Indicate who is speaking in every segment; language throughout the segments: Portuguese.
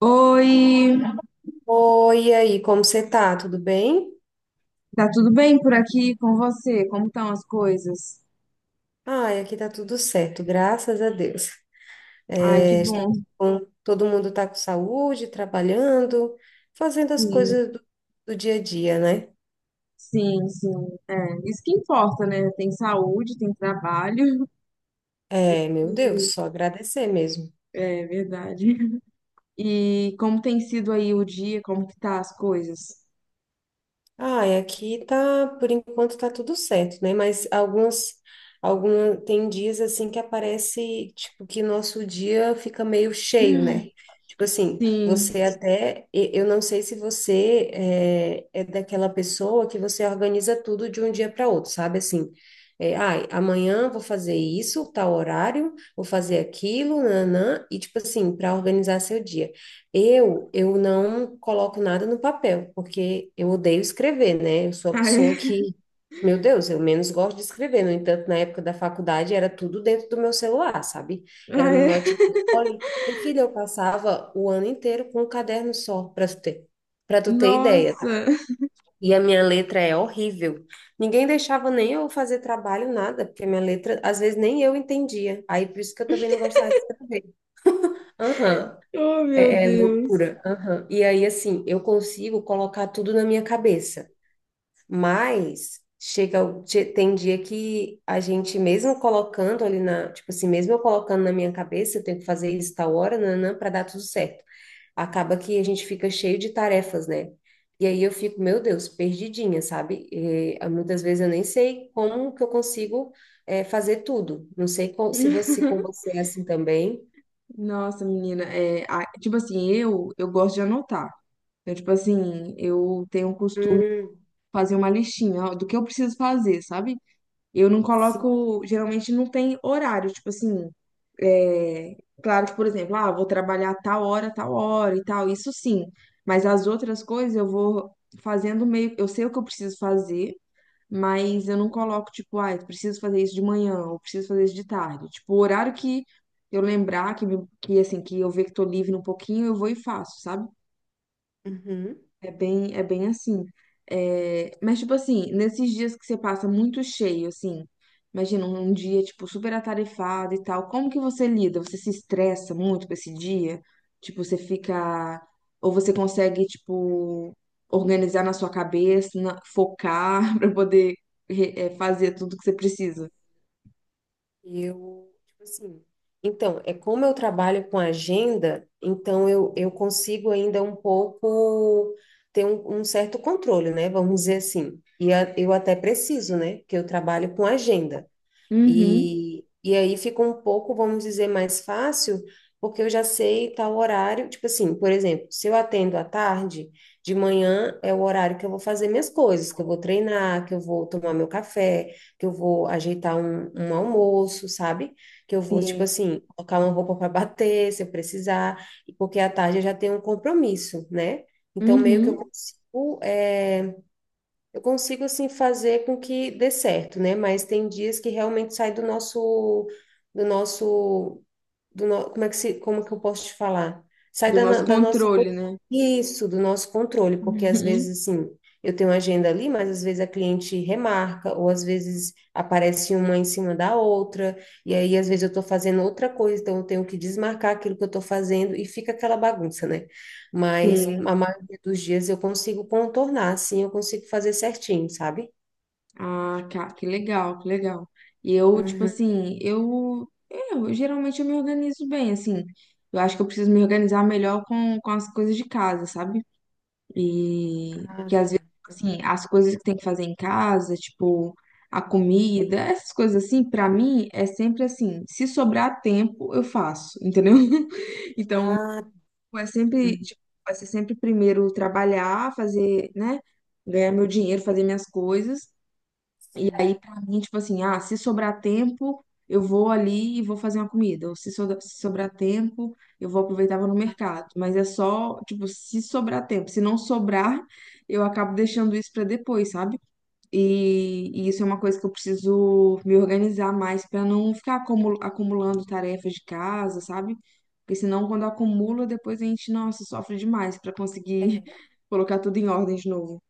Speaker 1: Oi,
Speaker 2: Oi, e aí, como você tá? Tudo bem?
Speaker 1: tá tudo bem por aqui com você? Como estão as coisas?
Speaker 2: Ai, aqui tá tudo certo, graças a Deus.
Speaker 1: Ai, que
Speaker 2: É,
Speaker 1: bom,
Speaker 2: todo mundo tá com saúde, trabalhando, fazendo as
Speaker 1: sim,
Speaker 2: coisas do dia a dia, né?
Speaker 1: sim. É, isso que importa, né? Tem saúde, tem trabalho, isso
Speaker 2: É, meu Deus,
Speaker 1: que
Speaker 2: só agradecer mesmo.
Speaker 1: é verdade. E como tem sido aí o dia, como que tá as coisas?
Speaker 2: Ah, e aqui tá, por enquanto tá tudo certo, né? Mas tem dias assim que aparece, tipo, que nosso dia fica meio cheio, né? Tipo assim,
Speaker 1: Sim,
Speaker 2: eu não sei se você é daquela pessoa que você organiza tudo de um dia para outro, sabe? Assim, ai, amanhã vou fazer isso, tal horário, vou fazer aquilo, nanã, e tipo assim, para organizar seu dia. Eu não coloco nada no papel, porque eu odeio escrever, né? Eu sou a
Speaker 1: ah,
Speaker 2: pessoa
Speaker 1: é,
Speaker 2: que, meu Deus, eu menos gosto de escrever. No entanto, na época da faculdade era tudo dentro do meu celular, sabe? Era
Speaker 1: ah,
Speaker 2: no
Speaker 1: é.
Speaker 2: notebook. Olha, minha filha, eu passava o ano inteiro com um caderno só, para tu ter ideia, tá?
Speaker 1: Nossa,
Speaker 2: E a minha letra é horrível. Ninguém deixava nem eu fazer trabalho, nada, porque a minha letra, às vezes, nem eu entendia. Aí, por isso que eu também não gostava de escrever. Aham.
Speaker 1: oh meu
Speaker 2: É
Speaker 1: Deus.
Speaker 2: loucura. Aham. E aí, assim, eu consigo colocar tudo na minha cabeça, mas chega, tem dia que a gente, mesmo colocando tipo assim, mesmo eu colocando na minha cabeça, eu tenho que fazer isso tal hora, nanã, para dar tudo certo. Acaba que a gente fica cheio de tarefas, né? E aí eu fico, meu Deus, perdidinha, sabe? E, ah, muitas vezes eu nem sei como que eu consigo, fazer tudo. Não sei co- se você, com você é assim também.
Speaker 1: Nossa, menina, é, tipo assim, eu gosto de anotar. Eu, tipo assim, eu tenho um costume
Speaker 2: Hum,
Speaker 1: fazer uma listinha ó, do que eu preciso fazer, sabe? Eu não
Speaker 2: sim.
Speaker 1: coloco, geralmente não tem horário, tipo assim, é, claro que, por exemplo, ah, vou trabalhar tal hora e tal, isso sim, mas as outras coisas eu vou fazendo meio, eu sei o que eu preciso fazer, mas eu não coloco, tipo, ah, eu preciso fazer isso de manhã, ou preciso fazer isso de tarde, tipo, o horário que eu lembrar, que, que assim, que eu ver que tô livre um pouquinho, eu vou e faço, sabe?
Speaker 2: Uhum.
Speaker 1: É bem assim. É, mas, tipo assim, nesses dias que você passa muito cheio, assim, imagina um dia, tipo, super atarefado e tal, como que você lida? Você se estressa muito com esse dia? Tipo, você fica. Ou você consegue, tipo, organizar na sua cabeça, focar pra poder é, fazer tudo que você precisa?
Speaker 2: Eu, tipo assim, então, é como eu trabalho com agenda, então eu consigo ainda um pouco ter um certo controle, né? Vamos dizer assim. E eu até preciso, né? Porque eu trabalho com agenda.
Speaker 1: Uhum,
Speaker 2: E aí fica um pouco, vamos dizer, mais fácil, porque eu já sei tal horário. Tipo assim, por exemplo, se eu atendo à tarde, de manhã é o horário que eu vou fazer minhas coisas, que eu vou treinar, que eu vou tomar meu café, que eu vou ajeitar um almoço, sabe? Que eu vou, tipo
Speaker 1: sim.
Speaker 2: assim, colocar uma roupa para bater, se eu precisar, porque à tarde eu já tenho um compromisso, né? Então, meio que eu
Speaker 1: Uhum.
Speaker 2: consigo. Eu consigo, assim, fazer com que dê certo, né? Mas tem dias que realmente sai do nosso, do nosso do no- como é que se, como é que eu posso te falar? Sai
Speaker 1: Do
Speaker 2: da,
Speaker 1: nosso
Speaker 2: no- da nossa
Speaker 1: controle,
Speaker 2: roti-
Speaker 1: né?
Speaker 2: Isso, do nosso controle, porque às
Speaker 1: Uhum,
Speaker 2: vezes assim, eu tenho uma agenda ali, mas às vezes a cliente remarca, ou às vezes aparece uma em cima da outra, e aí às vezes eu estou fazendo outra coisa, então eu tenho que desmarcar aquilo que eu estou fazendo e fica aquela bagunça, né? Mas a
Speaker 1: sim.
Speaker 2: maioria dos dias eu consigo contornar, assim, eu consigo fazer certinho, sabe?
Speaker 1: Ah, cara, que legal, que legal. E eu, tipo
Speaker 2: Uhum.
Speaker 1: assim, eu geralmente eu me organizo bem, assim. Eu acho que eu preciso me organizar melhor com as coisas de casa, sabe? E
Speaker 2: Ah,
Speaker 1: que às
Speaker 2: tá.
Speaker 1: vezes, assim, as coisas que tem que fazer em casa, tipo, a comida, essas coisas assim, pra mim é sempre assim, se sobrar tempo, eu faço, entendeu? Então,
Speaker 2: Ah,
Speaker 1: é sempre,
Speaker 2: uhum.
Speaker 1: tipo, vai ser sempre primeiro trabalhar, fazer, né? Ganhar meu dinheiro, fazer minhas coisas. E
Speaker 2: Sim.
Speaker 1: aí, pra mim, tipo assim, ah, se sobrar tempo, eu vou ali e vou fazer uma comida. Ou se sobrar tempo, eu vou aproveitar e vou no mercado. Mas é só, tipo, se sobrar tempo. Se não sobrar, eu acabo deixando isso pra depois, sabe? E isso é uma coisa que eu preciso me organizar mais pra não ficar acumulando tarefas de casa, sabe? Porque senão, quando acumula, depois a gente, nossa, sofre demais pra conseguir colocar tudo em ordem de novo.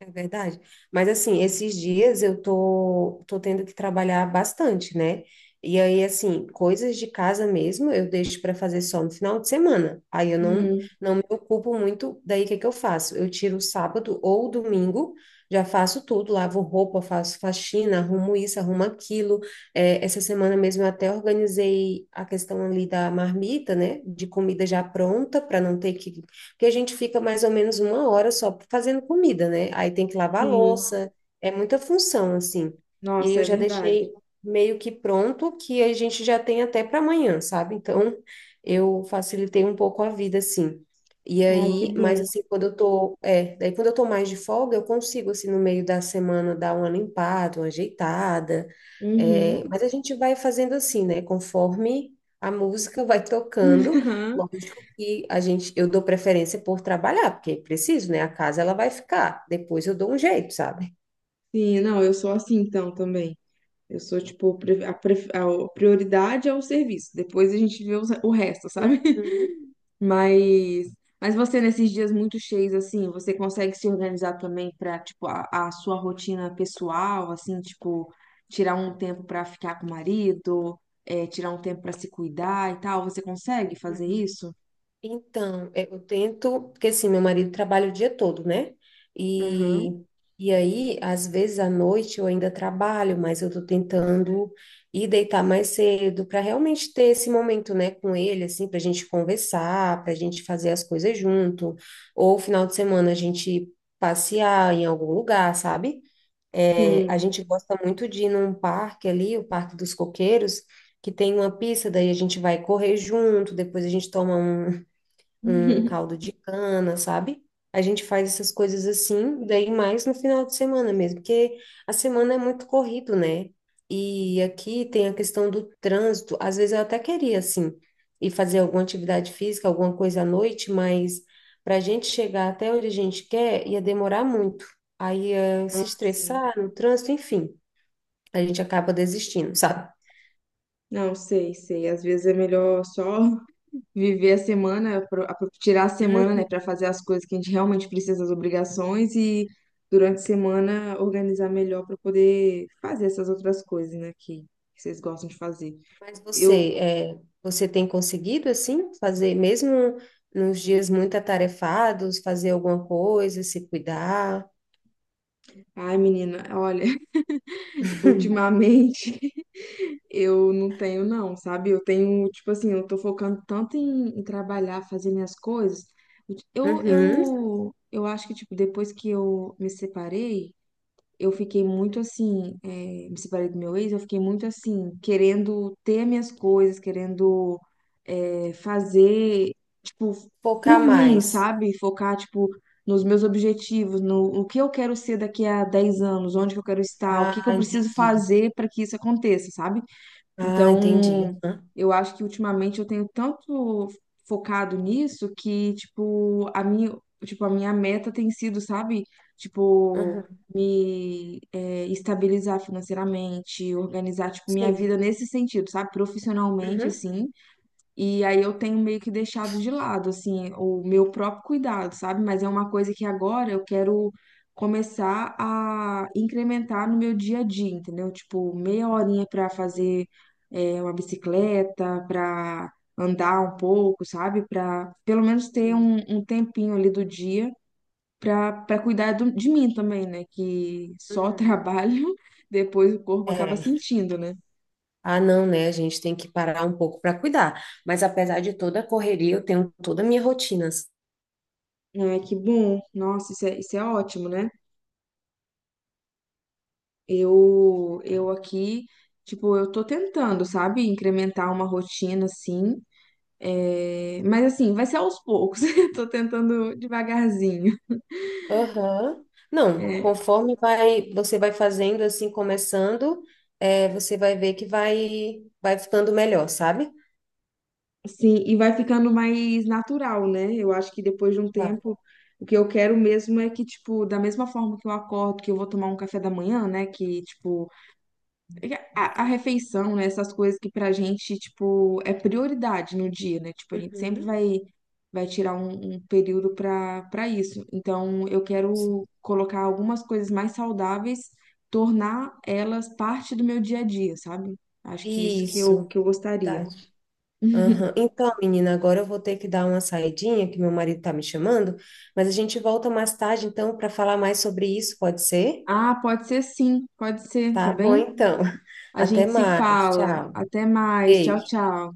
Speaker 2: É verdade. Mas assim, esses dias eu tô tendo que trabalhar bastante, né? E aí, assim, coisas de casa mesmo eu deixo para fazer só no final de semana. Aí eu não,
Speaker 1: Hum,
Speaker 2: não me ocupo muito. Daí, o que que eu faço? Eu tiro o sábado ou o domingo, já faço tudo, lavo roupa, faço faxina, arrumo isso, arrumo aquilo. É, essa semana mesmo eu até organizei a questão ali da marmita, né? De comida já pronta, para não ter que a gente fica mais ou menos uma hora só fazendo comida, né? Aí tem que lavar a
Speaker 1: sim.
Speaker 2: louça, é muita função, assim. E aí
Speaker 1: Nossa,
Speaker 2: eu
Speaker 1: é
Speaker 2: já
Speaker 1: verdade.
Speaker 2: deixei meio que pronto, que a gente já tem até para amanhã, sabe? Então, eu facilitei um pouco a vida, assim. E
Speaker 1: Ai, que
Speaker 2: aí,
Speaker 1: bom.
Speaker 2: mas assim, quando eu tô mais de folga, eu consigo, assim, no meio da semana, dar uma limpada, uma ajeitada.
Speaker 1: Uhum.
Speaker 2: É, mas a gente vai fazendo assim, né? Conforme a música vai tocando. Lógico que eu dou preferência por trabalhar, porque é preciso, né? A casa ela vai ficar. Depois eu dou um jeito, sabe?
Speaker 1: Sim, não, eu sou assim então também. Eu sou tipo, a prioridade é o serviço, depois a gente vê o resto, sabe?
Speaker 2: Uhum.
Speaker 1: Mas, mas você nesses dias muito cheios assim, você consegue se organizar também pra tipo a sua rotina pessoal, assim, tipo tirar um tempo pra ficar com o marido, é, tirar um tempo pra se cuidar e tal. Você consegue fazer
Speaker 2: Uhum.
Speaker 1: isso?
Speaker 2: Então, eu tento, porque assim, meu marido trabalha o dia todo, né? E,
Speaker 1: Aham.
Speaker 2: e aí, às vezes à noite eu ainda trabalho, mas eu tô tentando ir deitar mais cedo para realmente ter esse momento, né, com ele, assim, para a gente conversar, para a gente fazer as coisas junto, ou final de semana a gente passear em algum lugar, sabe? É, a
Speaker 1: Sim.
Speaker 2: gente gosta muito de ir num parque ali, o Parque dos Coqueiros que tem uma pista, daí a gente vai correr junto, depois a gente toma um caldo de cana, sabe? A gente faz essas coisas assim, daí mais no final de semana mesmo, porque a semana é muito corrido, né? E aqui tem a questão do trânsito. Às vezes eu até queria, assim, ir fazer alguma atividade física, alguma coisa à noite, mas para a gente chegar até onde a gente quer, ia demorar muito. Aí ia se
Speaker 1: Sim.
Speaker 2: estressar no trânsito, enfim, a gente acaba desistindo, sabe?
Speaker 1: Não, sei, sei. Às vezes é melhor só viver a semana, tirar a semana, né, para fazer as coisas que a gente realmente precisa, as obrigações, e durante a semana organizar melhor para poder fazer essas outras coisas, né, que vocês gostam de fazer.
Speaker 2: Mas você,
Speaker 1: Eu,
Speaker 2: é, você tem conseguido, assim, fazer, mesmo nos dias muito atarefados, fazer alguma coisa, se cuidar?
Speaker 1: ai, menina, olha, ultimamente eu não tenho, não, sabe? Eu tenho, tipo assim, eu tô focando tanto em, em trabalhar, fazer minhas coisas.
Speaker 2: Uhum.
Speaker 1: Eu acho que, tipo, depois que eu me separei. Eu fiquei muito assim, me separei do meu ex, eu fiquei muito assim, querendo ter minhas coisas, querendo fazer, tipo,
Speaker 2: Focar
Speaker 1: por mim,
Speaker 2: mais.
Speaker 1: sabe? Focar, tipo, nos meus objetivos, no, o que eu quero ser daqui a 10 anos, onde que eu quero estar, o que
Speaker 2: Ah,
Speaker 1: que eu preciso
Speaker 2: entendi.
Speaker 1: fazer para que isso aconteça, sabe?
Speaker 2: Ah, entendi.
Speaker 1: Então,
Speaker 2: Uhum.
Speaker 1: eu acho que ultimamente eu tenho tanto focado nisso que, tipo, a minha meta tem sido, sabe? Tipo,
Speaker 2: Uhum.
Speaker 1: me é, estabilizar financeiramente, organizar, tipo, minha
Speaker 2: Sim.
Speaker 1: vida nesse sentido, sabe? Profissionalmente,
Speaker 2: Uhum.
Speaker 1: assim. E aí eu tenho meio que deixado de lado, assim, o meu próprio cuidado, sabe? Mas é uma coisa que agora eu quero começar a incrementar no meu dia a dia, entendeu? Tipo, meia horinha para fazer uma bicicleta, para andar um pouco, sabe? Para pelo menos ter
Speaker 2: Sim.
Speaker 1: um tempinho ali do dia para cuidar de mim também, né? Que só
Speaker 2: Uhum.
Speaker 1: trabalho, depois o corpo acaba
Speaker 2: É.
Speaker 1: sentindo, né?
Speaker 2: Ah, não, né? A gente tem que parar um pouco para cuidar. Mas apesar de toda a correria, eu tenho toda a minha rotina.
Speaker 1: Ai, que bom. Nossa, isso é ótimo, né? Eu aqui, tipo, eu tô tentando, sabe, incrementar uma rotina assim. É, mas assim, vai ser aos poucos. Eu tô tentando devagarzinho.
Speaker 2: Aham. Não,
Speaker 1: É,
Speaker 2: conforme vai, você vai fazendo assim, começando, você vai ver que vai ficando melhor, sabe?
Speaker 1: sim, e vai ficando mais natural, né? Eu acho que depois de um
Speaker 2: Vai.
Speaker 1: tempo, o que eu quero mesmo é que, tipo, da mesma forma que eu acordo, que eu vou tomar um café da manhã, né? Que, tipo, a
Speaker 2: Sim.
Speaker 1: refeição, né? Essas coisas que pra gente, tipo, é prioridade no dia, né? Tipo, a gente sempre
Speaker 2: Uhum.
Speaker 1: vai, vai tirar um período pra isso. Então, eu
Speaker 2: Sim.
Speaker 1: quero colocar algumas coisas mais saudáveis, tornar elas parte do meu dia a dia, sabe? Acho que isso que
Speaker 2: Isso.
Speaker 1: que eu gostaria.
Speaker 2: Verdade. Aham. Então, menina, agora eu vou ter que dar uma saidinha, que meu marido tá me chamando, mas a gente volta mais tarde, então, para falar mais sobre isso, pode ser?
Speaker 1: Ah, pode ser sim, pode ser, tá
Speaker 2: Tá bom,
Speaker 1: bem?
Speaker 2: então.
Speaker 1: A
Speaker 2: Até
Speaker 1: gente se
Speaker 2: mais.
Speaker 1: fala.
Speaker 2: Tchau.
Speaker 1: Até mais. Tchau,
Speaker 2: Beijo.
Speaker 1: tchau.